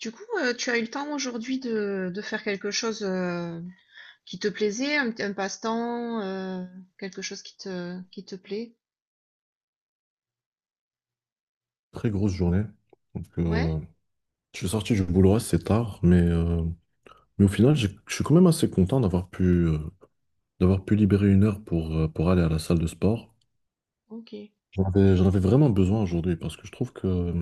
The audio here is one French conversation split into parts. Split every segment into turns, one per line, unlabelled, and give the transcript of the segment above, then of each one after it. Du coup, tu as eu le temps aujourd'hui de faire quelque chose qui te plaisait, un passe-temps, quelque chose qui te plaît?
Très grosse journée. Donc,
Ouais,
je suis sorti du boulot assez tard, mais au final, je suis quand même assez content d'avoir d'avoir pu libérer 1 heure pour aller à la salle de sport.
OK.
J'en avais vraiment besoin aujourd'hui parce que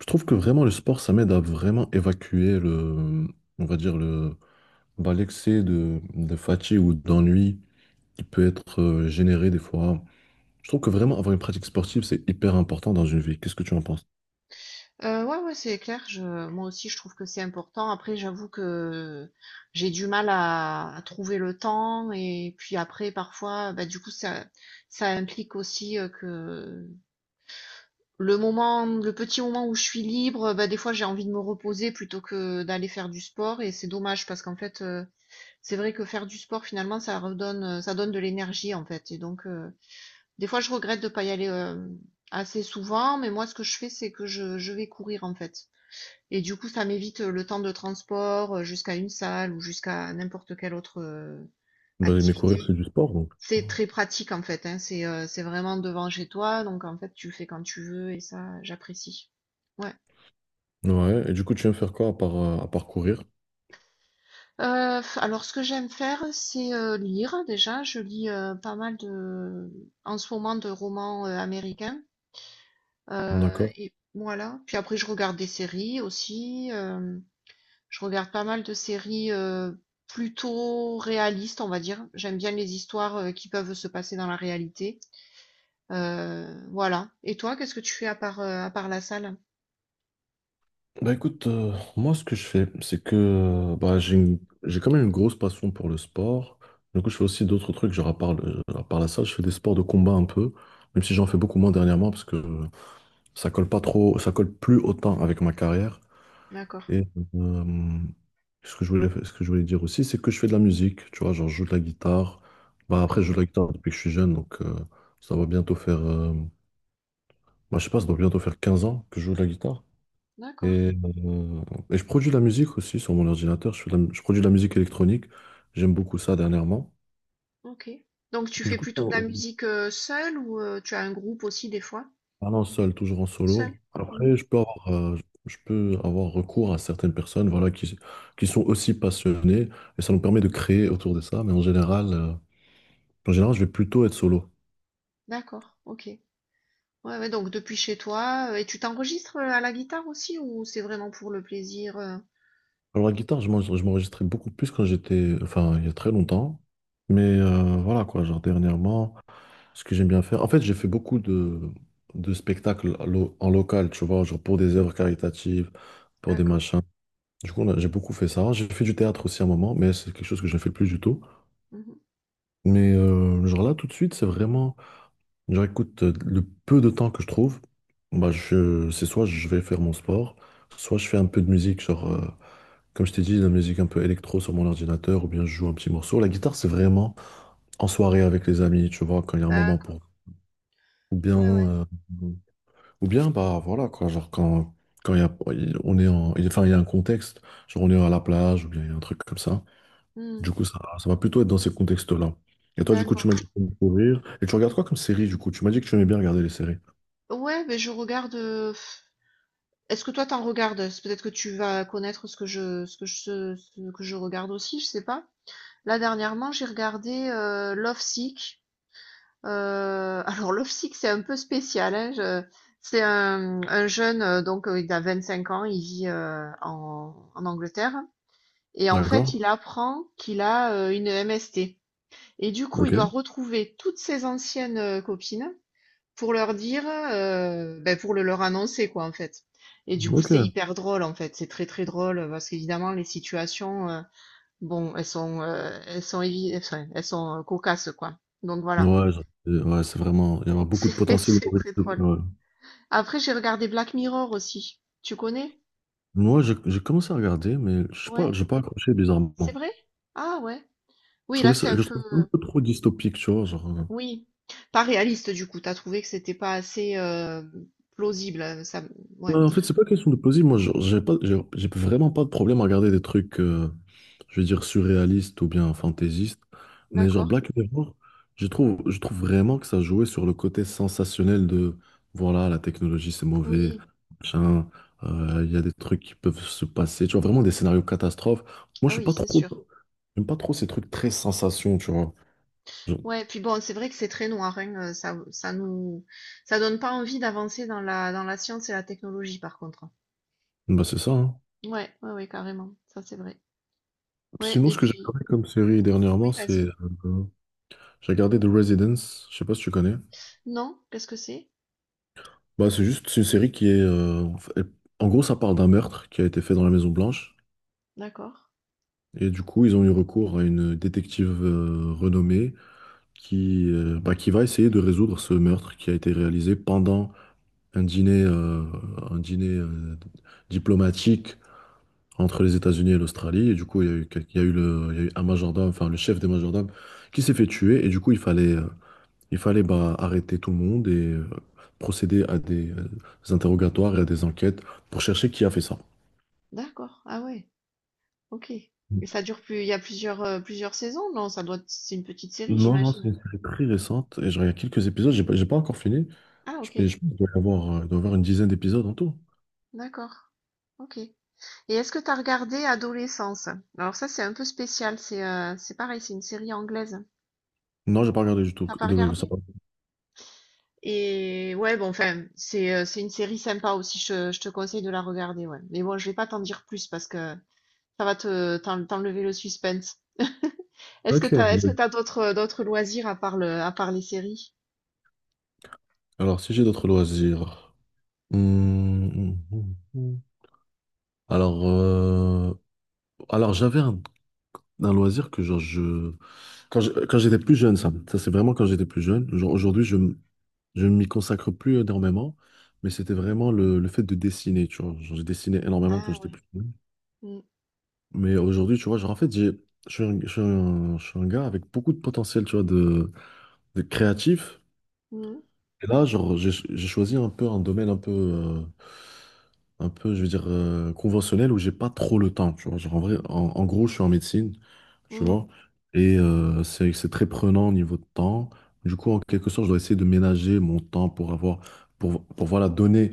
je trouve que vraiment le sport, ça m'aide à vraiment évacuer le, on va dire le, bah, l'excès de fatigue ou d'ennui qui peut être généré des fois. Je trouve que vraiment avoir une pratique sportive, c'est hyper important dans une vie. Qu'est-ce que tu en penses?
Ouais, ouais, c'est clair. Moi aussi, je trouve que c'est important. Après, j'avoue que j'ai du mal à trouver le temps. Et puis après, parfois, bah, du coup, ça implique aussi que le moment, le petit moment où je suis libre, bah, des fois, j'ai envie de me reposer plutôt que d'aller faire du sport. Et c'est dommage parce qu'en fait, c'est vrai que faire du sport, finalement, ça donne de l'énergie, en fait, et donc, des fois, je regrette de pas y aller, assez souvent. Mais moi, ce que je fais, c'est que je vais courir, en fait, et du coup, ça m'évite, le temps de transport, jusqu'à une salle ou jusqu'à n'importe quelle autre,
Bah, mes coureurs,
activité.
c'est du sport, donc.
C'est très pratique, en fait, hein, c'est vraiment devant chez toi, donc en fait, tu le fais quand tu veux, et ça, j'apprécie. Ouais.
Ouais, et du coup, tu aimes faire quoi à à part courir?
Alors, ce que j'aime faire, c'est, lire déjà. Je lis, pas mal de en ce moment de romans, américains,
D'accord.
et voilà. Puis après, je regarde des séries aussi, je regarde pas mal de séries, plutôt réalistes, on va dire. J'aime bien les histoires, qui peuvent se passer dans la réalité, voilà. Et toi, qu'est-ce que tu fais à part, la salle?
Bah écoute, moi ce que je fais, c'est j'ai quand même une grosse passion pour le sport. Du coup, je fais aussi d'autres trucs, genre à à part la salle, je fais des sports de combat un peu, même si j'en fais beaucoup moins dernièrement parce que ça colle pas trop, ça colle plus autant avec ma carrière.
D'accord.
Et euh, ce que je voulais dire aussi, c'est que je fais de la musique, tu vois, genre je joue de la guitare. Bah après,
OK.
je joue de la guitare depuis que je suis jeune, donc ça va bientôt faire Moi, je sais pas, ça doit bientôt faire 15 ans que je joue de la guitare.
D'accord.
Et, euh, et je produis de la musique aussi sur mon ordinateur. Je fais je produis de la musique électronique. J'aime beaucoup ça dernièrement.
OK. Donc, tu
Du
fais
coup,
plutôt de la musique, seule, ou tu as un groupe aussi des fois?
parlant seul, toujours en
Seul?
solo. Après,
Mhm.
je peux avoir recours à certaines personnes, voilà, qui sont aussi passionnées. Et ça nous permet de créer autour de ça. Mais en général, en général, je vais plutôt être solo.
D'accord, OK. Ouais, ouais, donc depuis chez toi, et tu t'enregistres à la guitare aussi, ou c'est vraiment pour le plaisir?
Alors, la guitare, je m'enregistrais beaucoup plus quand j'étais, enfin, il y a très longtemps. Mais voilà, quoi, genre dernièrement. Ce que j'aime bien faire. En fait, j'ai fait beaucoup de spectacles à en local, tu vois, genre pour des œuvres caritatives, pour des
D'accord,
machins. Du coup, j'ai beaucoup fait ça. J'ai fait du théâtre aussi à un moment, mais c'est quelque chose que je ne fais plus du tout.
mhm.
Mais genre là, tout de suite, c'est vraiment, genre écoute, le peu de temps que je trouve, c'est soit je vais faire mon sport, soit je fais un peu de musique, comme je t'ai dit, de la musique un peu électro sur mon ordinateur, ou bien je joue un petit morceau. La guitare, c'est vraiment en soirée avec les amis, tu vois, quand il y a un moment
D'accord,
pour... Ou bien...
ouais, ouais,
euh, Ou bien, bah voilà, quoi, genre quand, quand il y a, on est en, enfin, il y a un contexte, genre on est à la plage ou bien il y a un truc comme ça. Du
Mhm.
coup, ça va plutôt être dans ces contextes-là. Et toi, du coup, tu
D'accord.
m'as dit que t'aimes courir. Et tu regardes quoi comme série, du coup? Tu m'as dit que tu aimais bien regarder les séries.
Ouais, mais je regarde. Est-ce que toi t'en regardes? C'est Peut-être que tu vas connaître ce que je, ce que je, ce que je regarde aussi, je sais pas. Là, dernièrement, j'ai regardé Love Sick. Heu, alors, Love Sick, c'est un peu spécial, hein. je C'est un jeune, donc, il a 25 ans. Il vit, en Angleterre, et, en fait,
D'accord?
il apprend qu'il a, une MST, et du coup, il doit
Ok.
retrouver toutes ses anciennes, copines pour leur dire, beh, pour le leur annoncer, quoi, en fait. Et du coup, c'est
Ok.
hyper drôle, en fait, c'est très, très drôle, parce qu'évidemment les situations, bon, elles sont évi enfin, elles sont, cocasses, quoi. Donc, voilà,
Ouais, ouais, c'est vraiment, il y a beaucoup de
c'est
potentiel
c'est très
humoristique.
drôle.
Ouais.
Après, j'ai regardé Black Mirror aussi. Tu connais?
Moi, j'ai commencé à regarder, mais je sais pas,
Ouais,
j'ai pas accroché bizarrement.
c'est vrai? Ah, ouais. Oui, là, c'est un
Je trouvais ça un
peu.
peu trop dystopique, tu vois, genre.
Oui, pas réaliste, du coup. T'as trouvé que c'était pas assez plausible, hein. Ça. Ouais,
En fait, c'est pas question de plausible. Moi, genre, j'ai vraiment pas de problème à regarder des trucs, je veux dire, surréalistes ou bien fantaisistes. Mais genre
d'accord.
Black Mirror, je trouve vraiment que ça jouait sur le côté sensationnel de, voilà, la technologie, c'est mauvais,
Oui,
machin, il y a des trucs qui peuvent se passer. Tu vois, vraiment des scénarios catastrophes. Moi, je
ah
suis
oui,
pas
c'est
trop,
sûr.
j'aime pas trop ces trucs très sensations, tu vois. Je-
Ouais, puis bon, c'est vrai que c'est très noir, hein. Ça ça donne pas envie d'avancer dans la, science et la technologie, par contre.
bah, c'est ça, hein.
Ouais, ouais, ouais, carrément. Ça, c'est vrai. Ouais,
Sinon,
et
ce que j'ai
puis.
regardé comme série dernièrement,
Oui, vas-y.
euh, j'ai regardé The Residence. Je sais pas si tu connais.
Non, qu'est-ce que c'est?
Bah, c'est juste, c'est une série qui est. Elle- en gros, ça parle d'un meurtre qui a été fait dans la Maison Blanche.
D'accord.
Et du coup, ils ont eu recours à une détective renommée qui va essayer de résoudre ce meurtre qui a été réalisé pendant un dîner diplomatique entre les États-Unis et l'Australie. Et du coup, il y a il y a il y a eu un majordome, enfin le chef des majordomes, qui s'est fait tuer. Et du coup, il fallait. Il fallait bah, arrêter tout le monde et procéder à des interrogatoires et à des enquêtes pour chercher qui a fait ça.
D'accord. Ah ouais. OK. Et ça dure, plus il y a plusieurs, saisons? Non, ça doit c'est une petite série,
Non, non, c'est
j'imagine?
une série très récente et je regarde quelques épisodes, j'ai pas encore fini.
Ah,
Je, peux-
OK,
je dois y avoir, il doit y avoir une dizaine d'épisodes en tout.
d'accord. OK. Et est-ce que tu as regardé Adolescence? Alors ça, c'est un peu spécial, c'est pareil, c'est une série anglaise.
Non, j'ai pas regardé du tout.
T'as pas
De- ça
regardé?
va.
Et, ouais, bon, enfin, c'est une série sympa aussi, je te conseille de la regarder, ouais. Mais bon, je vais pas t'en dire plus parce que ça va t'enlever le suspense. Est-ce que
Ok.
t'as, est-ce que
Oui.
t'as d'autres loisirs à part les séries?
Alors, si j'ai d'autres loisirs. Hmm, hmm, hmm, hmm. Alors, euh, alors, j'avais un loisir que quand quand j'étais plus jeune, ça c'est vraiment quand j'étais plus jeune. Genre, aujourd'hui, je ne m'y consacre plus énormément, mais c'était vraiment le fait de dessiner, tu vois. Genre, je dessinais énormément quand
Ah
j'étais
ouais.
plus jeune.
Mm,
Mais aujourd'hui, tu vois, genre, en fait, j'ai, je suis un, je suis un- je suis un gars avec beaucoup de potentiel, tu vois, de créatif,
mm,
et là, genre, j'ai choisi un peu un domaine un peu, un peu, je veux dire, conventionnel où j'ai pas trop le temps, tu vois. Genre, en vrai, en, en gros, je suis en médecine, tu
mm,
vois, et c'est très prenant au niveau de temps. Du coup, en quelque sorte, je dois essayer de ménager mon temps pour pour voilà, donner,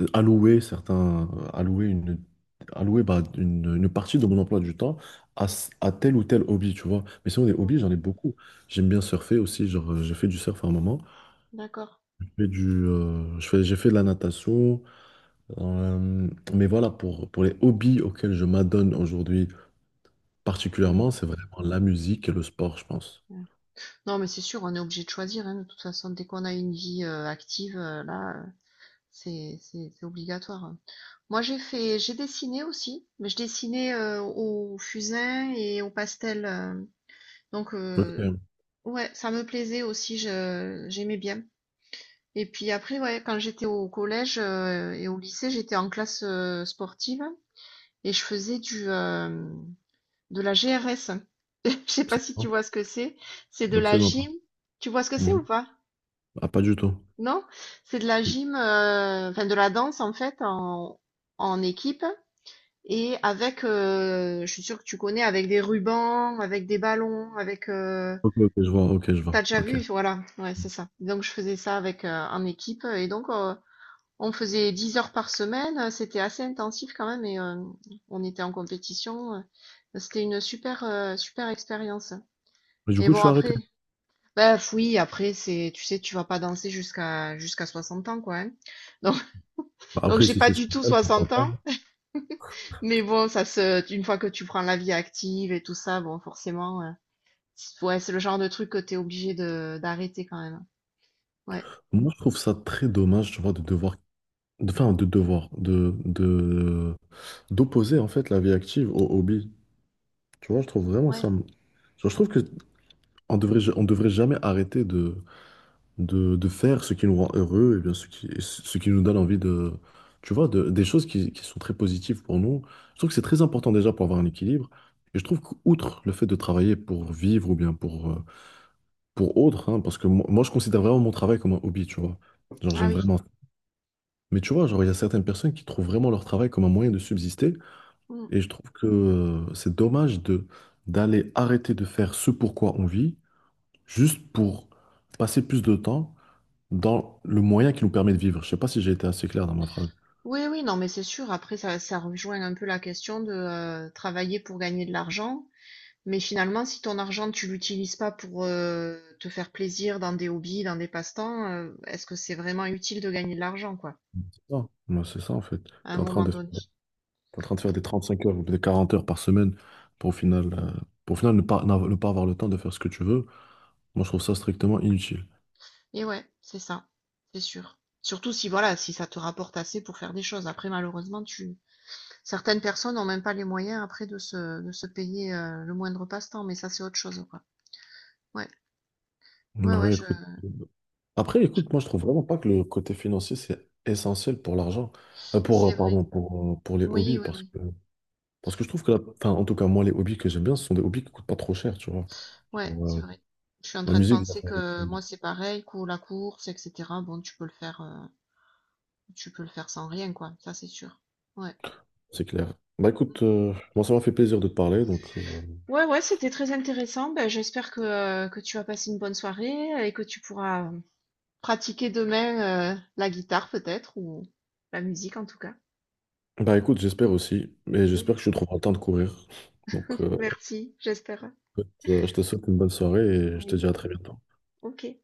euh, allouer allouer allouer bah, une partie de mon emploi du temps à, à tel ou tel hobby, tu vois. Mais sinon, des hobbies,
mm.
j'en ai beaucoup. J'aime bien surfer aussi, j'ai fait du surf à un moment.
D'accord.
J'ai du, je fais, j'ai fait de la natation. Euh, mais voilà, pour les hobbies auxquels je m'adonne aujourd'hui
Oui.
particulièrement, c'est vraiment la musique et le sport, je pense.
Ouais. Non, mais c'est sûr, on est obligé de choisir, hein, de toute façon, dès qu'on a une vie active, là. C'est obligatoire, hein. Moi, j'ai dessiné aussi, mais je dessinais au fusain et au pastel. Donc,
Ok,
ouais, ça me plaisait aussi, j'aimais bien. Et puis après, ouais, quand j'étais au collège et au lycée, j'étais en classe sportive, et je faisais de la GRS. Je sais pas
c'est
si tu
bon.
vois ce que c'est. C'est de la
Absolument pas.
gym. Tu vois ce que c'est,
Mhm.
ou pas?
Ah, pas du tout.
Non? C'est de la gym, enfin de la danse, en fait, en équipe, et avec, je suis sûre que tu connais, avec des rubans, avec des ballons, avec.
Ok, ok, je vois, ok, je vois,
T'as déjà
ok.
vu? Voilà, ouais, c'est ça. Donc, je faisais ça avec en équipe, et donc, on faisait 10 heures par semaine. C'était assez intensif quand même, et on était en compétition. C'était une super expérience.
Mais du
Et
coup,
bon,
tu as arrêté.
après, bah oui, après c'est, tu sais, tu vas pas danser jusqu'à 60 ans, quoi, hein.
Bah,
Donc,
après,
j'ai
si
pas
c'est ce
du
que
tout
t'aimes, pourquoi
60
pas.
ans, mais bon, une fois que tu prends la vie active et tout ça, bon, forcément, ouais, c'est le genre de truc que t'es obligé de d'arrêter quand même. Ouais,
Moi, je trouve ça très dommage, tu vois, de devoir, de, enfin, de devoir, de d'opposer, en fait, la vie active au hobby. Tu vois, je trouve vraiment ça.
ouais,
Je trouve que on devrait, on devrait jamais arrêter de faire ce qui nous rend heureux et bien ce ce qui nous donne envie de, tu vois, des choses qui sont très positives pour nous. Je trouve que c'est très important déjà pour avoir un équilibre. Et je trouve qu'outre le fait de travailler pour vivre ou bien pour autre, hein, parce que moi, je considère vraiment mon travail comme un hobby, tu vois. Genre
ah
j'aime
oui.
vraiment. Mais tu vois, genre il y a certaines personnes qui trouvent vraiment leur travail comme un moyen de subsister.
Mm.
Et je trouve que c'est dommage de d'aller arrêter de faire ce pourquoi on vit juste pour passer plus de temps dans le moyen qui nous permet de vivre. Je sais pas si j'ai été assez clair dans ma phrase.
Oui, oui, non, mais c'est sûr. Après, ça rejoint un peu la question de travailler pour gagner de l'argent. Mais finalement, si ton argent, tu l'utilises pas pour te faire plaisir dans des hobbies, dans des passe-temps, est-ce que c'est vraiment utile de gagner de l'argent, quoi,
C'est ça, moi, c'est ça en fait. Tu
à un
es en train
moment
de,
donné?
t'es en train de faire des 35 heures ou des 40 heures par semaine pour au final, euh, pour au final ne pas, n'av- ne pas avoir le temps de faire ce que tu veux. Moi, je trouve ça strictement inutile.
Et ouais, c'est ça, c'est sûr. Surtout si voilà, si ça te rapporte assez pour faire des choses. Après, malheureusement, tu certaines personnes n'ont même pas les moyens après de se payer le moindre passe-temps, mais ça c'est autre chose, quoi. Ouais, ouais,
Bah
ouais,
oui, écoute. Après, écoute, moi, je trouve vraiment pas que le côté financier, c'est essentiel pour l'argent.
c'est vrai.
Pour les
Oui,
hobbies,
oui, oui.
parce que je trouve que, enfin, en tout cas, moi, les hobbies que j'aime bien, ce sont des hobbies qui coûtent pas trop cher, tu vois.
Ouais, c'est vrai. Je suis en
La
train de
musique, je la
penser
fais avec
que
lui,
moi, c'est pareil, la course, etc. Bon, tu peux le faire, tu peux le faire sans rien, quoi. Ça, c'est sûr. Ouais.
c'est clair. Bah
Mm.
écoute, moi ça m'a fait plaisir de te parler, donc
Ouais, ouais, c'était très intéressant. Ben, j'espère que tu as passé une bonne soirée et que tu pourras pratiquer demain, la guitare peut-être, ou la musique en tout cas.
bah écoute, j'espère aussi, et
Mmh.
j'espère que je trouverai le temps de courir. Donc
Merci, j'espère.
écoute, je te souhaite une bonne soirée et je te
Oui.
dis à très bientôt.
OK.